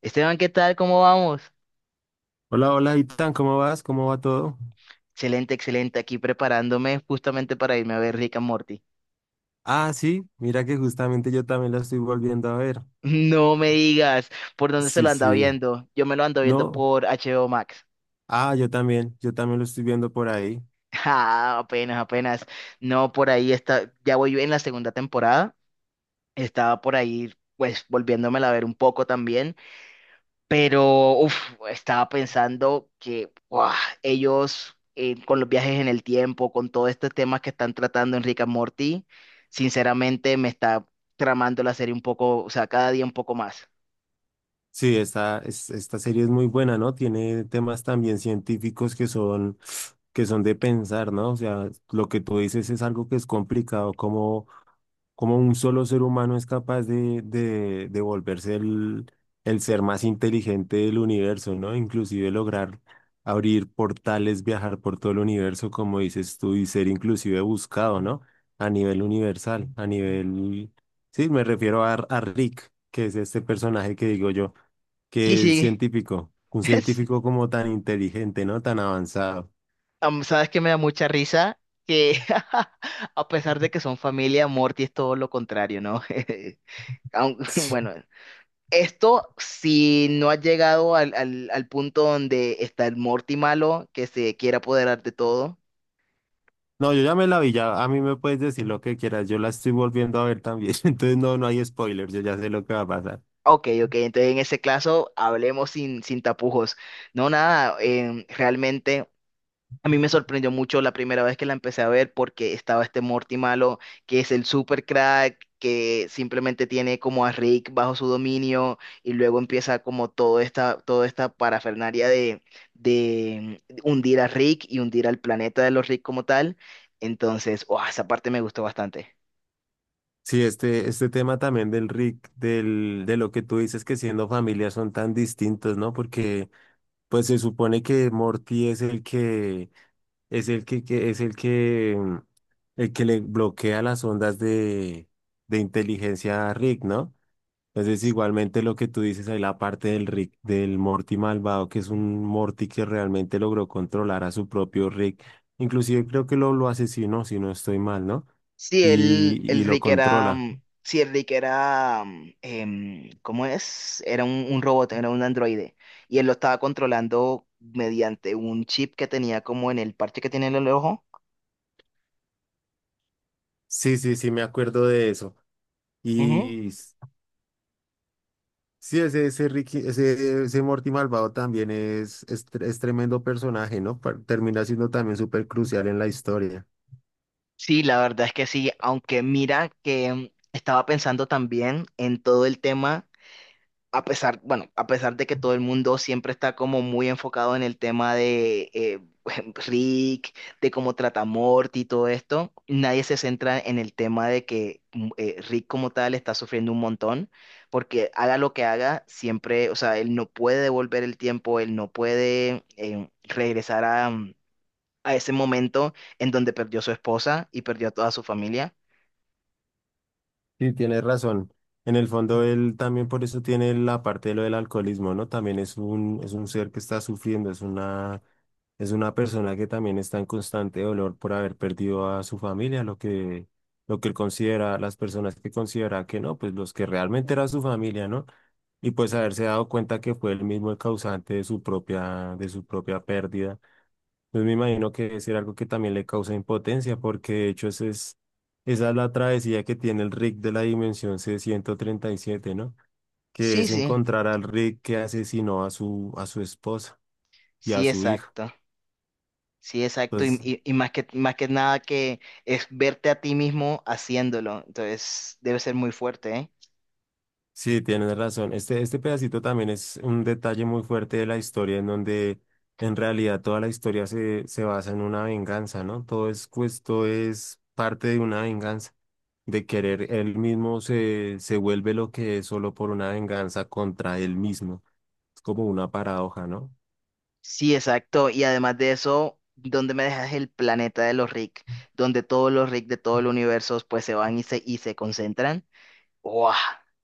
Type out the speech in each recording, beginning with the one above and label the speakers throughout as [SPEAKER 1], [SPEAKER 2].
[SPEAKER 1] Esteban, ¿qué tal? ¿Cómo vamos?
[SPEAKER 2] Hola, hola, Itan, ¿cómo vas? ¿Cómo va todo?
[SPEAKER 1] Excelente, excelente. Aquí preparándome justamente para irme a ver Rick and Morty.
[SPEAKER 2] Ah, sí, mira que justamente yo también la estoy volviendo a ver.
[SPEAKER 1] No me digas por dónde se lo
[SPEAKER 2] Sí,
[SPEAKER 1] anda
[SPEAKER 2] sí.
[SPEAKER 1] viendo. Yo me lo ando viendo
[SPEAKER 2] No,
[SPEAKER 1] por HBO Max.
[SPEAKER 2] ah, yo también lo estoy viendo por ahí.
[SPEAKER 1] Ah, apenas, apenas. No, por ahí está. Ya voy en la segunda temporada. Estaba por ahí, pues, volviéndomela a ver un poco también. Pero uf, estaba pensando que ¡guau! Ellos con los viajes en el tiempo, con todos estos temas que están tratando en Rick and Morty, sinceramente me está tramando la serie un poco, o sea, cada día un poco más.
[SPEAKER 2] Sí, esta serie es muy buena, ¿no? Tiene temas también científicos que son de pensar, ¿no? O sea, lo que tú dices es algo que es complicado, como un solo ser humano es capaz de volverse el ser más inteligente del universo, ¿no? Inclusive lograr abrir portales, viajar por todo el universo, como dices tú, y ser inclusive buscado, ¿no? A nivel universal, a nivel. Sí, me refiero a Rick, que es este personaje que digo yo,
[SPEAKER 1] Sí,
[SPEAKER 2] que es
[SPEAKER 1] sí,
[SPEAKER 2] científico, un
[SPEAKER 1] es-
[SPEAKER 2] científico como tan inteligente, ¿no? Tan avanzado.
[SPEAKER 1] sabes que me da mucha risa que a pesar de que son familia, Morty es todo lo contrario, ¿no? Bueno, esto si no ha llegado al punto donde está el Morty malo que se quiere apoderar de todo.
[SPEAKER 2] No, yo ya me la vi, ya a mí me puedes decir lo que quieras, yo la estoy volviendo a ver también, entonces no, no hay spoilers, yo ya sé lo que va a pasar.
[SPEAKER 1] Ok, ok, entonces en ese caso hablemos sin tapujos. No, nada, realmente a mí me sorprendió mucho la primera vez que la empecé a ver porque estaba este Morty malo, que es el super crack, que simplemente tiene como a Rick bajo su dominio y luego empieza como toda esta parafernalia de hundir a Rick y hundir al planeta de los Rick como tal. Entonces, ¡guau! Esa parte me gustó bastante.
[SPEAKER 2] Sí, este tema también del Rick, de lo que tú dices que siendo familia son tan distintos, ¿no? Porque pues se supone que Morty es el que, es el que, que- es el que, mm, el que le bloquea las ondas de inteligencia a Rick, ¿no? Entonces, igualmente lo que tú dices ahí, la parte del Rick, del Morty malvado, que es un Morty que realmente logró controlar a su propio Rick. Inclusive creo que lo asesinó, si no estoy mal, ¿no?
[SPEAKER 1] Sí,
[SPEAKER 2] Y,
[SPEAKER 1] el
[SPEAKER 2] y lo
[SPEAKER 1] Rick era,
[SPEAKER 2] controla.
[SPEAKER 1] mm, sí, el Rick era, ¿cómo es? Era un robot, era un androide, y él lo estaba controlando mediante un chip que tenía como en el parche que tiene en el ojo.
[SPEAKER 2] Sí, sí, sí, me acuerdo de eso.
[SPEAKER 1] Ujú.
[SPEAKER 2] Y s- sí, ese Ricky, ese Morty malvado también es tremendo personaje, ¿no? Termina siendo también súper crucial en la historia.
[SPEAKER 1] Sí, la verdad es que sí, aunque mira que estaba pensando también en todo el tema. A pesar, bueno, a pesar de que todo el mundo siempre está como muy enfocado en el tema de Rick, de cómo trata a Morty y todo esto, nadie se centra en el tema de que Rick como tal está sufriendo un montón, porque haga lo que haga, siempre, o sea, él no puede devolver el tiempo, él no puede regresar a, a ese momento en donde perdió a su esposa y perdió a toda su familia.
[SPEAKER 2] Sí, tienes razón. En el fondo, él también por eso tiene la parte de lo del alcoholismo, ¿no? También es un ser que está sufriendo, es una persona que también está en constante dolor por haber perdido a su familia, lo que él considera, las personas que considera que no, pues los que realmente era su familia, ¿no? Y pues haberse dado cuenta que fue él mismo el causante de su propia pérdida. Pues me imagino que debe ser algo que también le causa impotencia, porque de hecho ese es, esa es la travesía que tiene el Rick de la dimensión C-137, ¿no? Que
[SPEAKER 1] Sí,
[SPEAKER 2] es
[SPEAKER 1] sí,
[SPEAKER 2] encontrar al Rick que asesinó a su esposa y a
[SPEAKER 1] sí,
[SPEAKER 2] su hijo.
[SPEAKER 1] exacto. Sí, exacto. Y,
[SPEAKER 2] Entonces,
[SPEAKER 1] y- y más que nada que es verte a ti mismo haciéndolo. Entonces, debe ser muy fuerte, ¿eh?
[SPEAKER 2] sí, tienes razón. Este pedacito también es un detalle muy fuerte de la historia, en donde en realidad toda la historia se basa en una venganza, ¿no? Todo es, pues, todo es parte de una venganza. De querer él mismo se vuelve lo que es solo por una venganza contra él mismo. Es como una paradoja, ¿no?
[SPEAKER 1] Sí, exacto. Y además de eso, ¿dónde me dejas el planeta de los Rick? Donde todos los Rick de todo el universo pues se van y se concentran. Wow,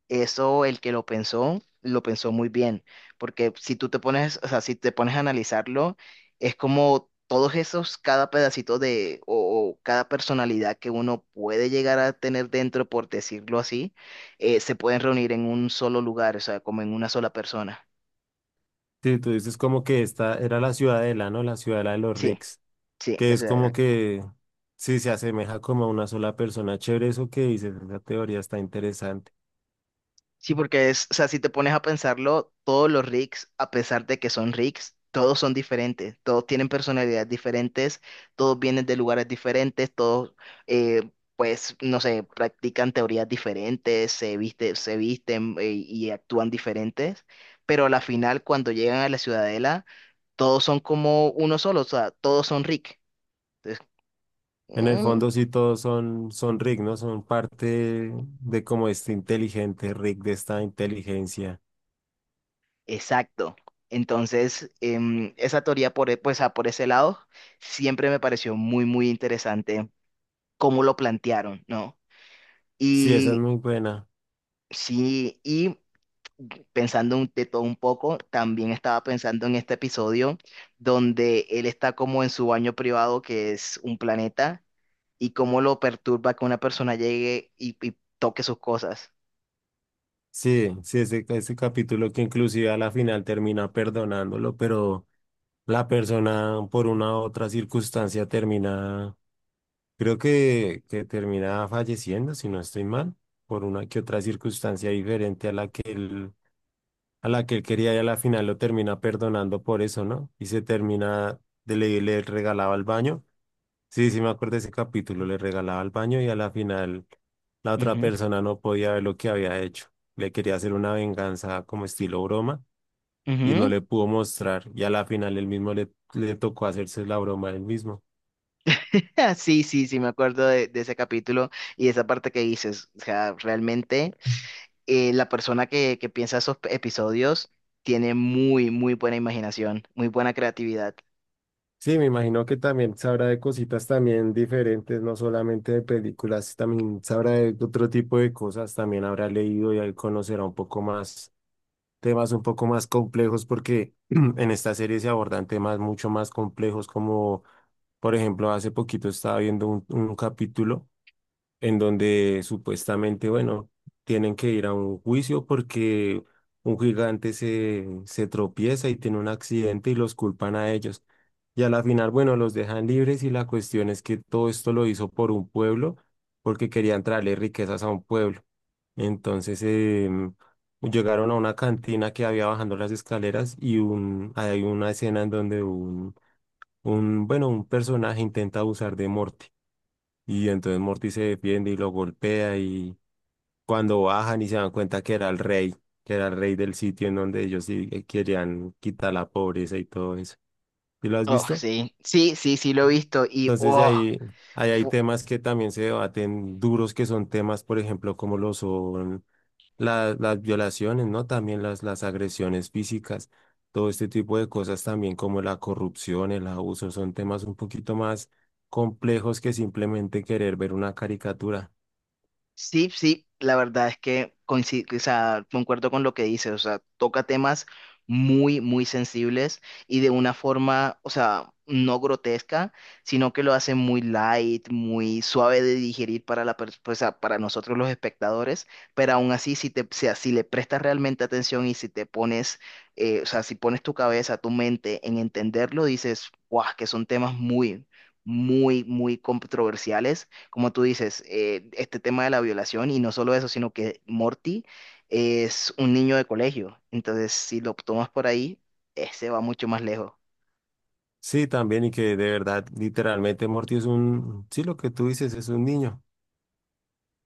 [SPEAKER 1] eso el que lo pensó muy bien, porque si tú te pones, o sea, si te pones a analizarlo, es como todos esos, cada pedacito o cada personalidad que uno puede llegar a tener dentro, por decirlo así, se pueden reunir en un solo lugar, o sea, como en una sola persona.
[SPEAKER 2] Sí, tú dices como que esta era la ciudadela, ¿no? La ciudadela de los
[SPEAKER 1] Sí,
[SPEAKER 2] Ricks,
[SPEAKER 1] sí,
[SPEAKER 2] que
[SPEAKER 1] la
[SPEAKER 2] es como
[SPEAKER 1] ciudad.
[SPEAKER 2] que sí se asemeja como a una sola persona. Chévere eso que dices, esa teoría está interesante.
[SPEAKER 1] Sí, porque es, o sea, si te pones a pensarlo, todos los rigs, a pesar de que son rigs, todos son diferentes, todos tienen personalidades diferentes, todos vienen de lugares diferentes, todos, eh, pues, no sé, practican teorías diferentes, se visten, y actúan diferentes, pero a la final, cuando llegan a la ciudadela, todos son como uno solo, o sea, todos son rig. Entonces,
[SPEAKER 2] En el
[SPEAKER 1] mm,
[SPEAKER 2] fondo sí todos son Rick, ¿no? Son parte de como este inteligente Rick, de esta inteligencia.
[SPEAKER 1] exacto. Entonces, esa teoría por, pues, por ese lado siempre me pareció muy, muy interesante cómo lo plantearon, ¿no?
[SPEAKER 2] Sí, esa es
[SPEAKER 1] Y
[SPEAKER 2] muy buena.
[SPEAKER 1] sí, y pensando de todo un poco, también estaba pensando en este episodio donde él está como en su baño privado, que es un planeta, y cómo lo perturba que una persona llegue y toque sus cosas.
[SPEAKER 2] Sí, sí, ese capítulo que inclusive a la final termina perdonándolo, pero la persona por una u otra circunstancia termina, creo que termina falleciendo, si no estoy mal, por una que otra circunstancia diferente a la que él quería y a la final lo termina perdonando por eso, ¿no? Y se termina, le regalaba el baño. Sí, sí, me acuerdo de ese capítulo, le regalaba al baño y a la final la otra
[SPEAKER 1] Ujú,
[SPEAKER 2] persona no podía ver lo que había hecho. Le quería hacer una venganza como estilo broma y no
[SPEAKER 1] ujú.
[SPEAKER 2] le pudo mostrar y a la final él mismo le tocó hacerse la broma él mismo.
[SPEAKER 1] Sí, sí, sí, me acuerdo de ese capítulo y esa parte que dices. O sea, realmente la persona que piensa esos episodios tiene muy, muy buena imaginación, muy buena creatividad.
[SPEAKER 2] Sí, me imagino que también sabrá de cositas también diferentes, no solamente de películas, también sabrá de otro tipo de cosas, también habrá leído y él conocerá un poco más temas un poco más complejos porque en esta serie se abordan temas mucho más complejos como, por ejemplo, hace poquito estaba viendo un capítulo en donde supuestamente, bueno, tienen que ir a un juicio porque un gigante se tropieza y tiene un accidente y los culpan a ellos. Y a la final, bueno, los dejan libres y la cuestión es que todo esto lo hizo por un pueblo porque querían traerle riquezas a un pueblo. Entonces, llegaron a una cantina que había bajando las escaleras hay una escena en donde bueno, un personaje intenta abusar de Morty. Y entonces Morty se defiende y lo golpea y cuando bajan y se dan cuenta que era el rey, que era el rey del sitio en donde ellos sí querían quitar la pobreza y todo eso. ¿Y lo has
[SPEAKER 1] Oh,
[SPEAKER 2] visto?
[SPEAKER 1] sí, sí, sí, sí, lo he visto y
[SPEAKER 2] Entonces
[SPEAKER 1] oh,
[SPEAKER 2] ahí, ahí hay temas que también se debaten duros, que son temas, por ejemplo, como lo son las violaciones, ¿no? También las agresiones físicas, todo este tipo de cosas también como la corrupción, el abuso, son temas un poquito más complejos que simplemente querer ver una caricatura.
[SPEAKER 1] sí, sí, la verdad es que coincido, o sea, concuerdo con lo que dices, o sea, toca temas muy, muy sensibles y de una forma, o sea, no grotesca, sino que lo hace muy light, muy suave de digerir para o sea, para nosotros los espectadores, pero aún así, o sea, si le prestas realmente atención y si te pones, o sea, si pones tu cabeza, tu mente en entenderlo, dices, guau, que son temas muy, muy, muy controversiales como tú dices, este tema de la violación y no solo eso, sino que Morty es un niño de colegio. Entonces, si lo tomas por ahí, ese va mucho más lejos.
[SPEAKER 2] Sí, también y que de verdad, literalmente Morty sí, lo que tú dices es un niño.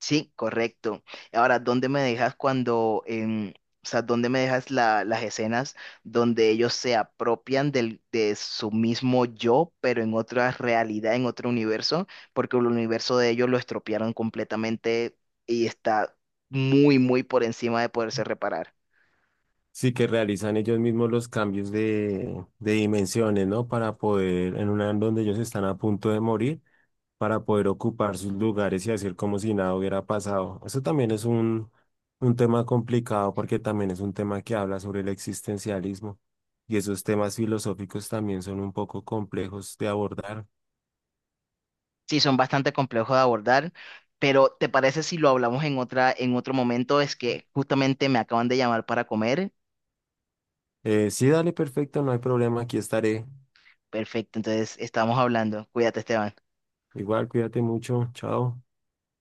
[SPEAKER 1] Sí, correcto. Ahora, ¿dónde me dejas cuando, o sea, dónde me dejas las escenas donde ellos se apropian del, de su mismo yo, pero en otra realidad, en otro universo, porque el universo de ellos lo estropearon completamente y está muy, muy por encima de poderse reparar?
[SPEAKER 2] Sí, que realizan ellos mismos los cambios de dimensiones, ¿no? Para poder, en una en donde ellos están a punto de morir, para poder ocupar sus lugares y hacer como si nada hubiera pasado. Eso también es un tema complicado porque también es un tema que habla sobre el existencialismo y esos temas filosóficos también son un poco complejos de abordar.
[SPEAKER 1] Sí, son bastante complejos de abordar, pero ¿te parece si lo hablamos en otra, en otro momento? Es que justamente me acaban de llamar para comer.
[SPEAKER 2] Sí, dale, perfecto, no hay problema, aquí estaré.
[SPEAKER 1] Perfecto, entonces estamos hablando. Cuídate, Esteban.
[SPEAKER 2] Igual, cuídate mucho. Chao.